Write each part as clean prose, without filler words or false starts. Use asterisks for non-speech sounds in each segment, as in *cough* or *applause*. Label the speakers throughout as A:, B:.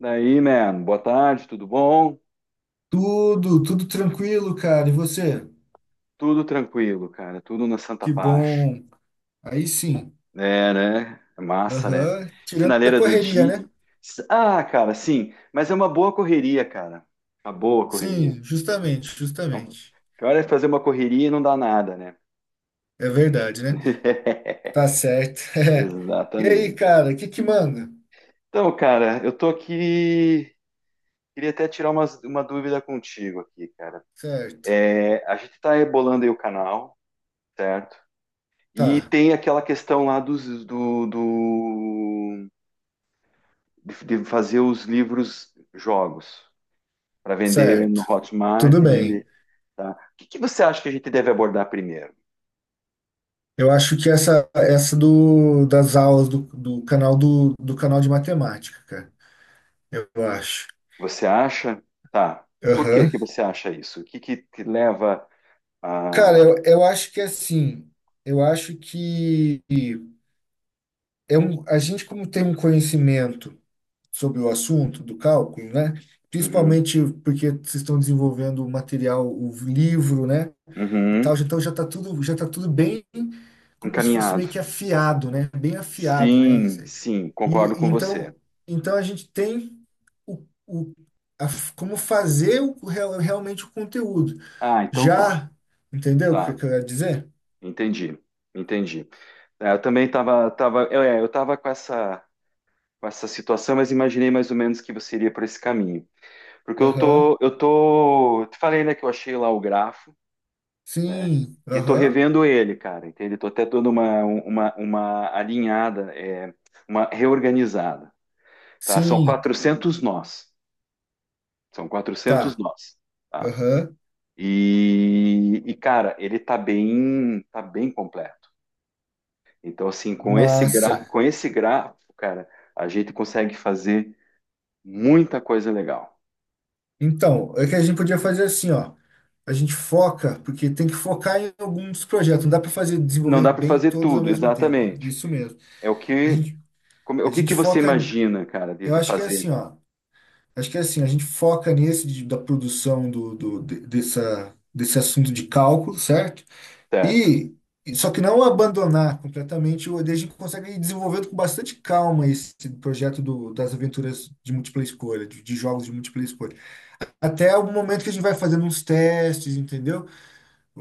A: Daí, man, boa tarde, tudo bom?
B: Tudo, tudo tranquilo, cara. E você?
A: Tudo tranquilo, cara, tudo na Santa
B: Que
A: Paz.
B: bom. Aí sim.
A: É, né? É massa, né?
B: Aham. Tirando da
A: Finaleira do
B: correria,
A: dia.
B: né?
A: Ah, cara, sim, mas é uma boa correria, cara. Uma boa correria.
B: Sim, justamente,
A: Então,
B: justamente.
A: pior é fazer uma correria e não dá nada, né?
B: É verdade, né?
A: *laughs*
B: Tá certo. *laughs* É. E aí,
A: Exatamente.
B: cara, o que que manda?
A: Então, cara, eu tô aqui. Queria até tirar uma dúvida contigo aqui, cara.
B: Certo.
A: É, a gente tá rebolando aí o canal, certo? E
B: Tá,
A: tem aquela questão lá dos, do, do- de fazer os livros jogos para vender
B: certo.
A: no Hotmart
B: Tudo
A: e
B: bem.
A: vender. Tá? O que você acha que a gente deve abordar primeiro?
B: Eu acho que essa do das aulas do canal do canal de matemática, cara. Eu acho.
A: Você acha? Tá. Por que
B: Aham.
A: que você acha isso? O que que te leva
B: Cara,
A: a.
B: eu acho que é assim, eu acho que é um, a gente, como tem um conhecimento sobre o assunto do cálculo, né?
A: Uhum.
B: Principalmente porque vocês estão desenvolvendo o material, o livro, né? E tal,
A: Uhum.
B: então já está tudo, já tá tudo bem como se fosse
A: Encaminhado.
B: meio que afiado, né? Bem afiado, né?
A: Sim,
B: Isso.
A: sim,
B: E,
A: concordo
B: e
A: com você.
B: então a gente tem o, o, como fazer realmente o conteúdo.
A: Ah, então tá,
B: Já, entendeu o que
A: tá,
B: que eu quero dizer?
A: entendi, entendi. É, eu também tava eu tava com essa situação, mas imaginei mais ou menos que você iria por esse caminho. Porque eu
B: Aham.
A: tô, eu tô, te falei, né, que eu achei lá o grafo, né?
B: Sim,
A: E tô
B: aham.
A: revendo ele, cara, entende? Tô até dando uma alinhada, uma reorganizada, tá? São
B: Sim,
A: 400 nós, são 400
B: tá.
A: nós, tá?
B: Aham.
A: E, cara, ele tá bem completo. Então, assim,
B: Massa.
A: com esse grafo, cara, a gente consegue fazer muita coisa legal.
B: Então, é que a gente podia fazer assim, ó. A gente foca, porque tem que focar em alguns projetos. Não dá para fazer
A: Não
B: desenvolver
A: dá para
B: bem
A: fazer
B: todos ao
A: tudo,
B: mesmo tempo, né?
A: exatamente.
B: Isso mesmo.
A: É o
B: A
A: que,
B: gente,
A: o
B: a
A: que
B: gente
A: que você
B: foca.
A: imagina, cara, de,
B: Eu
A: de
B: acho que é
A: fazer,
B: assim, ó. Acho que é assim. A gente foca da produção dessa desse assunto de cálculo, certo?
A: certo?
B: E só que não abandonar completamente. Daí a gente consegue ir desenvolvendo com bastante calma esse projeto das aventuras de múltipla escolha, de jogos de múltipla escolha. Até o momento que a gente vai fazendo uns testes, entendeu?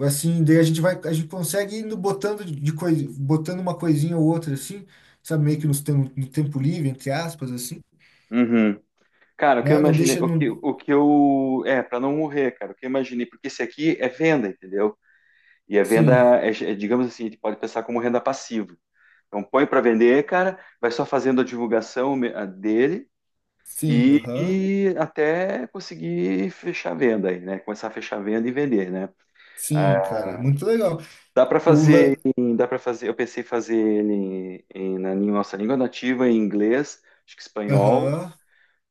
B: Assim, daí a gente vai, a gente consegue indo botando de coisa, botando uma coisinha ou outra assim, sabe, meio que no tempo livre, entre aspas, assim,
A: Uhum. Cara, o que eu
B: né? Não
A: imaginei,
B: deixa, não,
A: o que eu, é, para não morrer, cara, o que eu imaginei, porque esse aqui é venda, entendeu? E a venda
B: sim,
A: é, digamos assim, a gente pode pensar como renda passiva. Então põe para vender, cara, vai só fazendo a divulgação a dele
B: sim,
A: e,
B: aham,
A: e até conseguir fechar a venda aí, né? Começar a fechar a venda e vender, né? Ah,
B: sim, cara, muito legal.
A: dá para
B: O la-
A: fazer, dá para fazer. Eu pensei em fazer ele na nossa língua nativa, em inglês, acho que espanhol,
B: aham,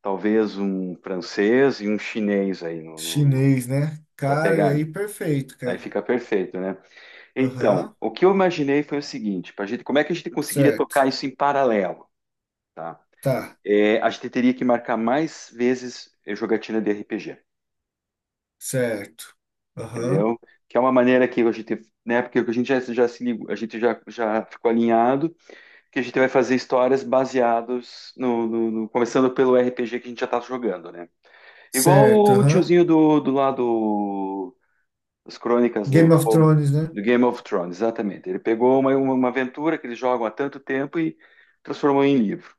A: talvez um francês e um chinês aí no, no,
B: chinês, né?
A: para
B: Cara, é
A: pegar.
B: aí perfeito,
A: Aí
B: cara,
A: fica perfeito, né? Então,
B: aham,
A: o que eu imaginei foi o seguinte: para gente, como é que a gente conseguiria
B: certo,
A: tocar isso em paralelo, tá?
B: tá,
A: É, a gente teria que marcar mais vezes jogatina de RPG,
B: certo, aham,
A: entendeu? Que é uma maneira que a gente, né? Porque a gente já se ligou, a gente já ficou alinhado que a gente vai fazer histórias baseadas no, começando pelo RPG que a gente já tá jogando, né? Igual
B: certo,
A: o
B: aham,
A: tiozinho do lado das Crônicas do
B: Game of
A: Fogo,
B: Thrones, né?
A: do Game of Thrones, exatamente. Ele pegou uma aventura que eles jogam há tanto tempo e transformou em livro,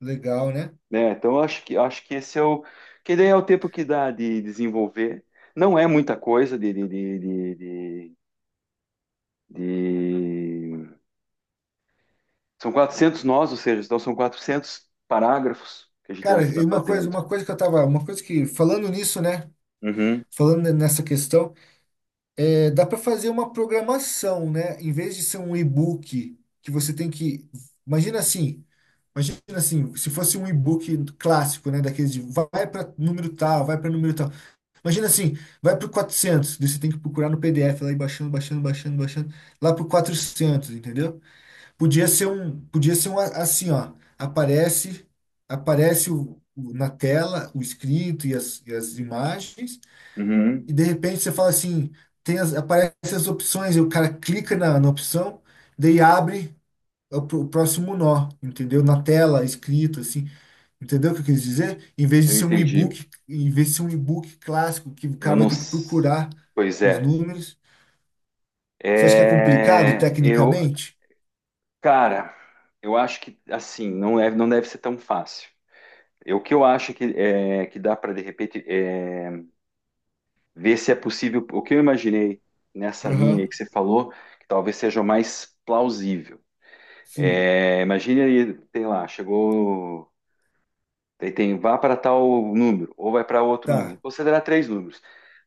B: Legal, né?
A: né? Então eu acho que esse é o que daí é o tempo que dá de desenvolver. Não é muita coisa de- São 400 nós, ou seja, então são 400 parágrafos que a gente
B: Cara,
A: vai ficar
B: e
A: fazendo.
B: uma coisa que eu tava, uma coisa que falando nisso, né?
A: Uhum.
B: Falando nessa questão, é, dá para fazer uma programação, né? Em vez de ser um e-book que você tem que, imagina assim, imagina assim, se fosse um e-book clássico, né? Daqueles de vai para número tal, vai para número tal. Imagina assim, vai para o 400, daí você tem que procurar no PDF lá e baixando, baixando, baixando, baixando, lá para o 400, entendeu? Podia ser um a- assim, ó, aparece na tela o escrito e e as imagens,
A: Uhum.
B: e de repente você fala assim, aparece as opções, e o cara clica na opção, daí abre o próximo nó, entendeu? Na tela, escrito, assim. Entendeu o que eu quis dizer? Em vez de
A: Eu
B: ser um
A: entendi.
B: e-book, em vez de ser um e-book clássico, que o
A: Eu
B: cara vai
A: não.
B: ter que procurar
A: Pois
B: os
A: é.
B: números. Você acha que é complicado
A: É, eu,
B: tecnicamente?
A: cara, eu acho que assim não é, não deve ser tão fácil. O que eu acho que é que dá para de repente é, ver se é possível. O que eu imaginei nessa linha
B: Aham.
A: aí que você falou, que talvez seja o mais plausível.
B: Sim,
A: É, imagine aí, sei lá, chegou. Daí tem vá para tal número, ou vai para outro número.
B: tá.
A: Você considerar três números.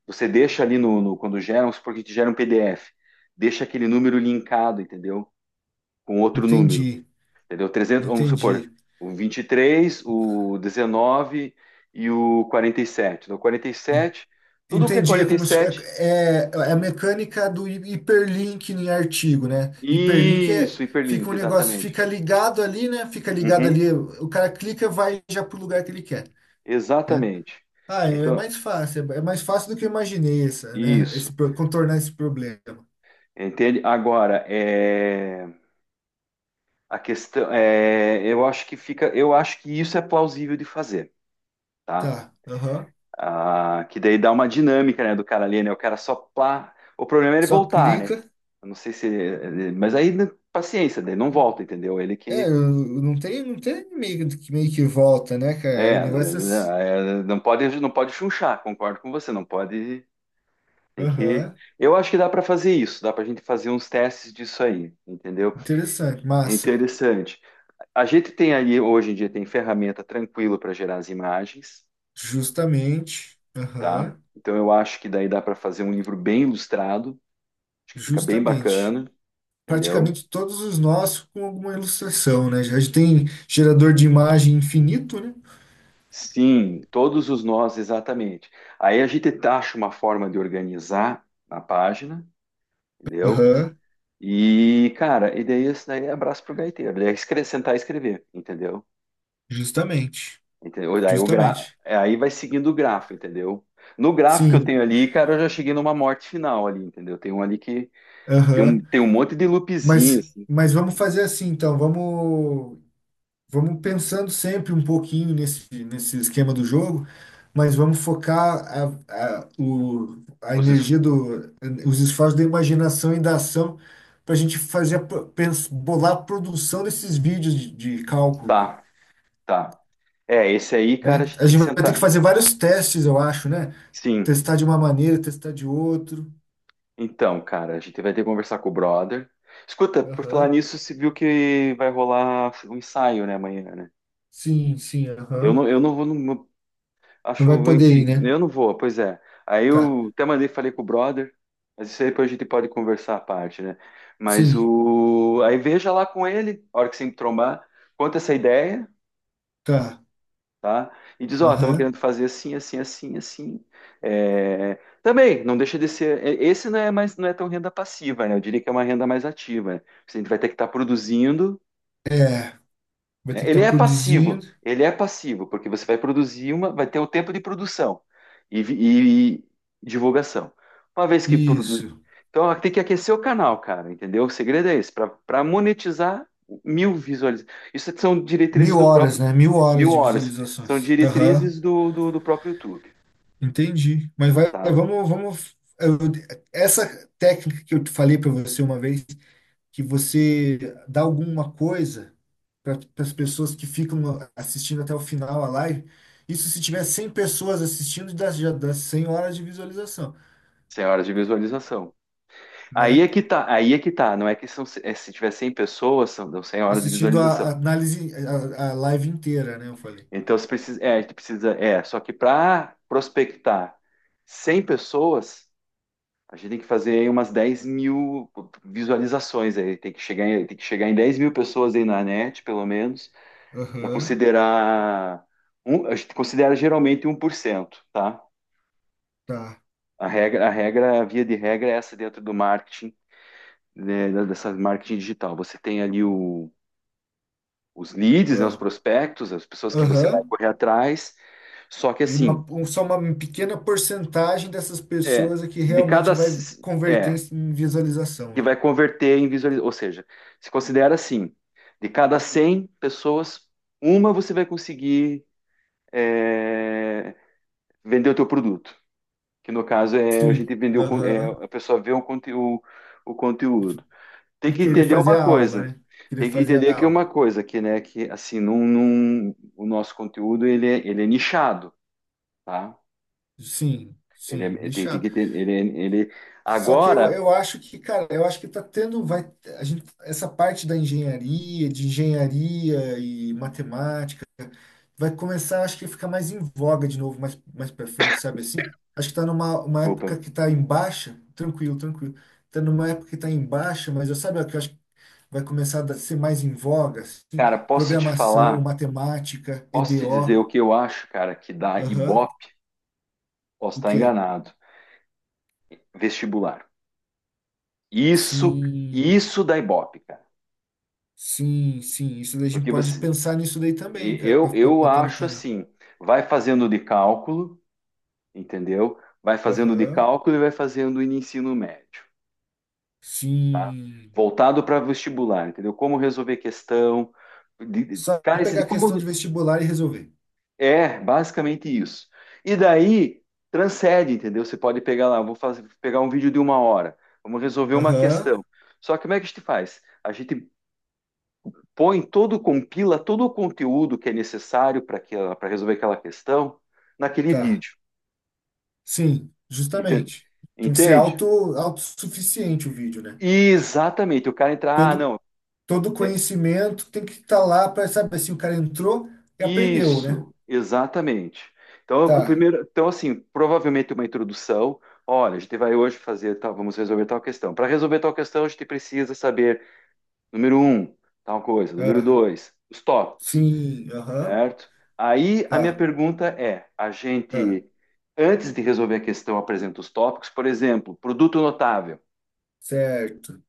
A: Você deixa ali no, quando gera, vamos supor que te gera um PDF, deixa aquele número linkado, entendeu? Com outro número,
B: Entendi,
A: entendeu? 300 vamos supor,
B: entendi.
A: o 23 o 19 e o 47. Então, quarenta e
B: En-
A: sete tudo que é
B: Entendi, é
A: quarenta e
B: como se, é,
A: sete
B: é a mecânica do hiperlink em artigo, né? Hiperlink é,
A: isso,
B: fica
A: hiperlink,
B: um negócio,
A: exatamente.
B: fica ligado ali, né? Fica ligado
A: Uhum,
B: ali, o cara clica, vai já pro lugar que ele quer, né?
A: exatamente.
B: Ah, é
A: Então,
B: mais fácil, é mais fácil do que eu imaginei essa, né?
A: isso,
B: Esse, contornar esse problema.
A: entende? Agora, a questão é, eu acho que isso é plausível de fazer, tá?
B: Tá, aham.
A: Ah, que daí dá uma dinâmica, né, do cara ali, né? O cara só plá. O problema é ele
B: Só
A: voltar,
B: clica.
A: né? Eu não sei se, mas aí né, paciência, daí não volta, entendeu? Ele
B: É, eu-
A: que
B: eu não tem, não tem meio que volta, né, cara? O
A: é,
B: negócio é
A: né, é, não pode, não pode chunchar, concordo com você, não pode, tem que.
B: Aham,
A: Eu acho que dá para fazer isso, dá para a gente fazer uns testes disso aí, entendeu?
B: interessante,
A: É
B: massa.
A: interessante. A gente tem aí hoje em dia tem ferramenta tranquilo para gerar as imagens,
B: Justamente,
A: tá?
B: aham,
A: Então eu acho que daí dá para fazer um livro bem ilustrado, acho que fica bem
B: justamente.
A: bacana, entendeu?
B: Praticamente todos os nossos com alguma ilustração, né? A gente tem gerador de imagem infinito, né?
A: Sim, todos os nós, exatamente. Aí a gente taxa uma forma de organizar na página, entendeu?
B: Aham,
A: E, cara, e daí esse daí é abraço pro gaiteiro. Ele é sentar e escrever, entendeu?
B: justamente,
A: Entendeu? Daí
B: justamente.
A: aí vai seguindo o grafo, entendeu? No gráfico que eu
B: Sim,
A: tenho ali, cara, eu já cheguei numa morte final ali, entendeu? Tem um ali que tem um,
B: aham.
A: tem um monte de loopzinho,
B: Mas,
A: assim.
B: mas vamos fazer assim, então. Vamos. Vamos pensando sempre um pouquinho nesse esquema do jogo, mas vamos focar a
A: Os es-
B: energia os esforços da imaginação e da ação para a gente fazer bolar a produção desses vídeos de, cálculo,
A: Tá, tá. É, esse aí, cara,
B: né?
A: a gente
B: A
A: tem
B: gente
A: que
B: vai ter que
A: sentar.
B: fazer vários testes, eu acho, né?
A: Sim.
B: Testar de uma maneira, testar de outro.
A: Então, cara, a gente vai ter que conversar com o brother. Escuta, por falar
B: Aham.
A: nisso, você viu que vai rolar um ensaio, né, amanhã, né?
B: Sim, sim, aham.
A: Eu não vou, não,
B: Não vai
A: acho,
B: poder
A: enfim,
B: ir, né?
A: eu não vou, pois é. Aí
B: Tá.
A: eu até mandei, falei com o brother, mas isso aí depois a gente pode conversar à parte, né? Mas
B: Sim,
A: o, aí veja lá com ele, a hora que você trombar, conta essa ideia,
B: tá.
A: tá? E diz, ó, estamos
B: Aham.
A: querendo fazer assim, assim, assim, assim. É, também, não deixa de ser, esse não é mais, não é tão renda passiva, né? Eu diria que é uma renda mais ativa, né? Porque a gente vai ter que estar produzindo,
B: É, vai
A: né?
B: ter que estar produzindo.
A: Ele é passivo, porque você vai produzir vai ter o tempo de produção e divulgação. Uma vez que produz.
B: Isso.
A: Então tem que aquecer o canal, cara, entendeu? O segredo é esse, para monetizar 1.000 visualizações. Isso são
B: Mil
A: diretrizes do
B: horas,
A: próprio.
B: né? 1.000 horas
A: Mil
B: de
A: horas. São
B: visualizações. Aham,
A: diretrizes do próprio YouTube,
B: entendi. Mas
A: tá?
B: vamos. Essa técnica que eu te falei para você uma vez, que você dá alguma coisa para as pessoas que ficam assistindo até o final a live, isso se tiver 100 pessoas assistindo, dá, já dá 100 horas de visualização,
A: 100 horas de visualização. Aí
B: né?
A: é que tá, aí é que tá. Não é que são, é, se tiver 100 pessoas, são, dão 100 horas de
B: Assistindo
A: visualização.
B: a análise, a live inteira, né? Eu falei.
A: Então a gente precisa, só que para prospectar 100 pessoas, a gente tem que fazer aí umas 10.000 visualizações aí, tem que chegar em 10.000 pessoas aí na net, pelo menos, para
B: Aham,
A: considerar, um, a gente considera geralmente 1%, tá?
B: tá.
A: A regra, a regra, a via de regra é essa dentro do marketing, né, dessa marketing digital. Você tem ali os leads, né, os
B: Ah,
A: prospectos, as pessoas que você vai
B: aham.
A: correr atrás, só que
B: E
A: assim,
B: só uma pequena porcentagem dessas
A: É,
B: pessoas é que realmente vai converter
A: é,
B: em visualização,
A: que
B: né?
A: vai converter em visualização. Ou seja, se considera assim: de cada 100 pessoas, uma você vai conseguir é, vender o teu produto. Que no caso é a gente
B: Sim,
A: vendeu
B: aham.
A: a pessoa vê o conteúdo. Tem
B: E
A: que
B: querer
A: entender
B: fazer
A: uma
B: a aula,
A: coisa.
B: né? Querer
A: Tem que
B: fazer
A: entender
B: a
A: que é uma
B: aula.
A: coisa que, né, que assim, o nosso conteúdo ele é nichado, tá?
B: Sim, sim,
A: Tem, tem
B: nichado.
A: que ter, ele
B: Só que eu,
A: agora,
B: eu acho que, cara, eu acho que tá tendo, vai, a gente, essa parte da engenharia, de engenharia e matemática, vai começar, acho que ficar mais em voga de novo, mais, mais pra frente, sabe assim? Acho que tá numa uma
A: opa.
B: época que tá em baixa, tranquilo, tranquilo. Tá numa época que tá em baixa, mas eu sabe o que eu acho que vai começar a ser mais em voga, assim,
A: Cara, posso te
B: programação,
A: falar,
B: matemática, EDO,
A: posso te dizer o que eu acho, cara, que dá
B: aham.
A: Ibope, posso
B: O
A: estar
B: quê?
A: enganado, vestibular. Isso,
B: Sim,
A: isso dá Ibope, cara.
B: sim, sim. Isso daí a gente
A: Porque
B: pode
A: você,
B: pensar nisso daí também,
A: e-
B: cara,
A: eu,
B: pra
A: eu
B: botar no
A: acho
B: canal.
A: assim, vai fazendo de cálculo, entendeu? Vai fazendo de
B: Aham.
A: cálculo e vai fazendo em ensino médio, tá?
B: Sim.
A: Voltado para vestibular, entendeu? Como resolver questão, de,
B: Só
A: cara, esse de
B: pegar a
A: como
B: questão de vestibular e resolver.
A: é, basicamente isso. E daí, transcende, entendeu? Você pode pegar lá, vou fazer, pegar um vídeo de uma hora, vamos resolver uma
B: Aham.
A: questão. Só que como é que a gente faz? A gente põe todo, compila todo o conteúdo que é necessário para resolver aquela questão naquele
B: Tá.
A: vídeo.
B: Sim,
A: Entende?
B: justamente. Tem que ser
A: Entende?
B: autossuficiente o vídeo, né?
A: E Exatamente. O cara entra, ah,
B: Todo,
A: não.
B: todo
A: é,
B: conhecimento tem que estar lá para, sabe, assim, o cara entrou e aprendeu, né?
A: Isso, exatamente. Então, o que o
B: Tá,
A: primeiro, então assim, provavelmente uma introdução. Olha, a gente vai hoje fazer tal, vamos resolver tal questão. Para resolver tal questão, a gente precisa saber, número um, tal coisa, número
B: ah,
A: dois, os tópicos,
B: sim, aham,
A: certo? Aí a minha
B: tá,
A: pergunta é: a
B: ah,
A: gente, antes de resolver a questão, apresenta os tópicos, por exemplo, produto notável,
B: certo. O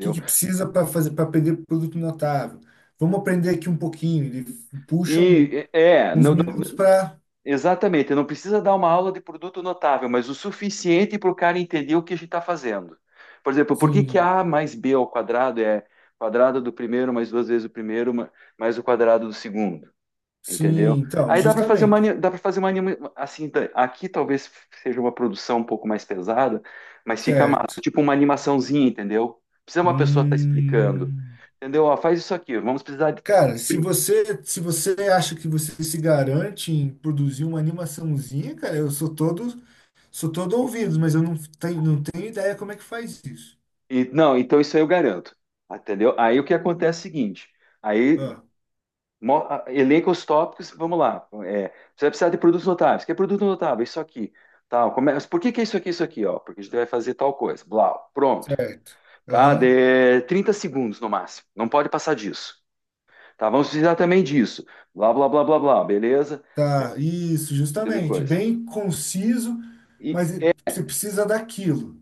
B: que que precisa para fazer para aprender produto notável? Vamos aprender aqui um pouquinho. Ele puxa
A: E é, é,
B: uns
A: não,
B: minutos para.
A: Exatamente, não precisa dar uma aula de produto notável, mas o suficiente para o cara entender o que a gente está fazendo. Por exemplo, por que que
B: Sim,
A: A mais B ao quadrado é quadrado do primeiro mais duas vezes o primeiro mais o quadrado do segundo, entendeu?
B: sim, então,
A: Aí
B: justamente.
A: dá para fazer uma, assim, aqui talvez seja uma produção um pouco mais pesada, mas fica massa,
B: Certo.
A: tipo uma animaçãozinha, entendeu? Precisa uma pessoa estar explicando,
B: Hum.
A: entendeu? Ó, faz isso aqui, vamos precisar de.
B: Cara, se você acha que você se garante em produzir uma animaçãozinha, cara, eu sou todo ouvido, mas eu não tenho ideia como é que faz isso.
A: Não, então isso aí eu garanto, entendeu? Aí o que acontece é o seguinte, aí
B: Ah,
A: elenca os tópicos, vamos lá, é, você vai precisar de produtos notáveis, que é produto notável, isso aqui, tal, começa, por que que é isso aqui, ó, porque a gente vai fazer tal coisa, blau, pronto,
B: certo.
A: tá,
B: Aham.
A: de 30 segundos no máximo, não pode passar disso, tá, vamos precisar também disso, blá, blá, blá, blá, blá, beleza,
B: Tá, isso,
A: teve
B: justamente.
A: coisa.
B: Bem conciso, mas você precisa daquilo.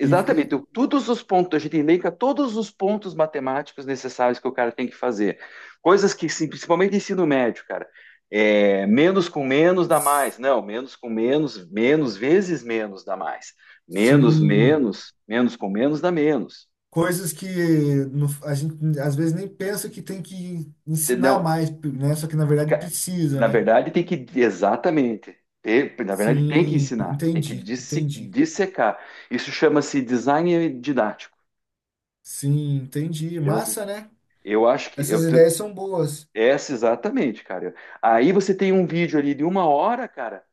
B: E, e-
A: todos os pontos, a gente elenca todos os pontos matemáticos necessários que o cara tem que fazer. Coisas que, sim, principalmente ensino médio, cara, é, menos com menos dá mais. Não, menos com menos, menos vezes menos dá mais. Menos,
B: sim,
A: menos, menos com menos dá menos. Isso-
B: coisas que a gente às vezes nem pensa que tem que ensinar
A: Não,
B: mais, né? Só que na verdade
A: ca-
B: precisa,
A: na
B: né?
A: verdade tem que, exatamente. Na verdade tem que
B: Sim,
A: ensinar, tem que
B: entendi, entendi.
A: dissecar. Isso chama-se design didático,
B: Sim, entendi.
A: entendeu?
B: Massa, né?
A: Eu acho que eu,
B: Essas ideias são boas.
A: Essa, exatamente, cara. Aí você tem um vídeo ali de uma hora, cara,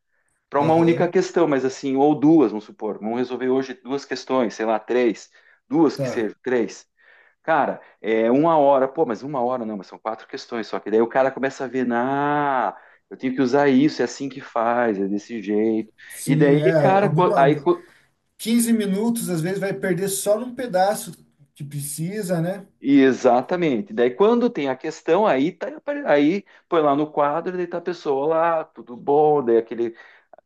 A: para uma única
B: Aham,
A: questão, mas assim, ou duas, vamos supor, vamos resolver hoje duas questões, sei lá, três, duas que
B: tá.
A: sejam, três. Cara, é uma hora, pô, mas uma hora não, mas são quatro questões só, que daí o cara começa a ver, ah, eu tenho que usar isso, é assim que faz, é desse jeito. E daí,
B: Sim, é,
A: cara,
B: 15 minutos às vezes vai perder só num pedaço que precisa, né?
A: e exatamente. Daí quando tem a questão, aí tá, aí põe lá no quadro, daí tá a pessoa lá, tudo bom, daí aquele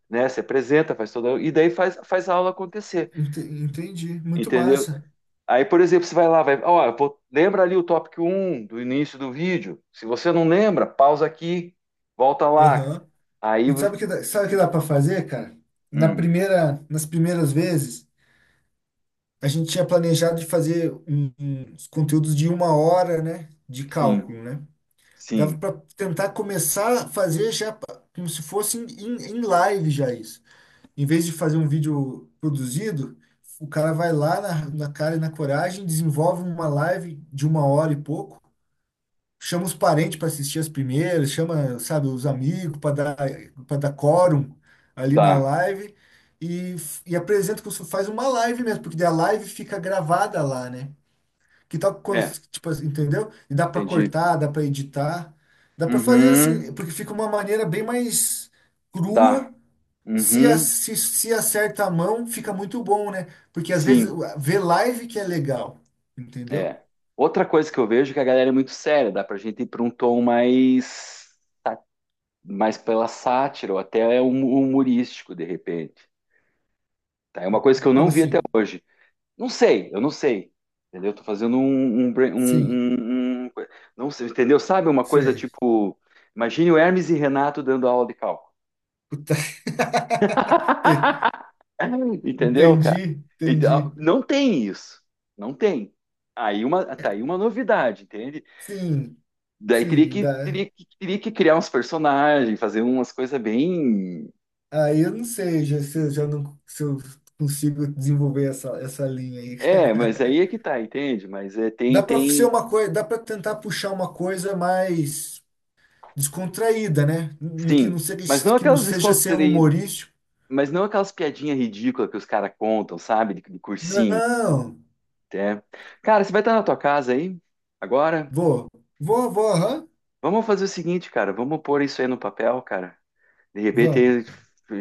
A: né? Se apresenta, faz toda e daí faz, a aula acontecer,
B: Entendi, muito
A: entendeu?
B: massa.
A: Aí, por exemplo, você vai lá, vai, ó, lembra ali o tópico um do início do vídeo. Se você não lembra, pausa aqui, volta lá.
B: Aham.
A: Aí,
B: E sabe o que dá para fazer, cara?
A: hum,
B: Nas primeiras vezes, a gente tinha planejado de fazer uns conteúdos de uma hora, né? De
A: sim,
B: cálculo, né?
A: sim,
B: Dava para tentar começar a fazer já como se fosse em, em live já isso. Em vez de fazer um vídeo produzido, o cara vai lá na cara e na coragem, desenvolve uma live de uma hora e pouco, chama os parentes para assistir as primeiras, chama, sabe, os amigos para dar, quórum ali na
A: tá.
B: live e, e apresenta como se faz uma live mesmo, porque daí a live fica gravada lá, né? Que tal,
A: É,
B: tipo, assim, entendeu? E dá para
A: entendi.
B: cortar, dá para editar, dá para fazer
A: Uhum,
B: assim, porque fica uma maneira bem mais
A: dá.
B: crua.
A: Uhum,
B: Se acerta a mão, fica muito bom, né? Porque às vezes
A: sim,
B: ver live que é legal, entendeu?
A: é. Outra coisa que eu vejo é que a galera é muito séria, dá pra gente ir para um tom mais pela sátira ou até humorístico de repente. Tá? É uma coisa que eu
B: Como
A: não vi até
B: assim?
A: hoje. Não sei, eu não sei. Entendeu? Tô fazendo um, um, brain- um-
B: Sim,
A: um- um- Não sei, entendeu? Sabe uma coisa
B: sei.
A: tipo. Imagine o Hermes e Renato dando aula de cálculo.
B: Puta, *laughs*
A: *laughs* Entendeu, cara?
B: entendi, entendi.
A: Então, não tem isso. Não tem. Aí tá aí uma novidade, entende?
B: Sim,
A: Daí teria
B: sim,
A: que,
B: dá.
A: teria que, teria que criar uns personagens, fazer umas coisas bem.
B: Aí eu não sei já, se eu já não se eu consigo desenvolver essa linha aí.
A: É, mas aí é que tá, entende? Mas é, tem,
B: Dá para ser
A: tem.
B: uma coisa, dá para tentar puxar uma coisa mais descontraída, né? Que não
A: Sim.
B: seja,
A: Mas não aquelas
B: ser
A: descontraí.
B: humorístico.
A: Mas não aquelas piadinhas ridículas que os caras contam, sabe? De cursinho,
B: Não,
A: até. Cara, você vai estar na tua casa aí? Agora?
B: vou, vou, vou, aham.
A: Vamos fazer o seguinte, cara. Vamos pôr isso aí no papel, cara. De
B: Vamos,
A: repente,
B: cara.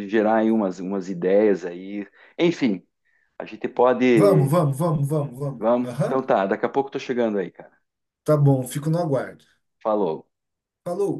A: gerar aí umas ideias aí. Enfim, a gente
B: Vamos,
A: pode.
B: vamos, vamos, vamos, vamos.
A: Vamos? Então
B: Aham.
A: tá, daqui a pouco eu tô chegando aí, cara.
B: Tá bom, fico no aguardo.
A: Falou.
B: Falou.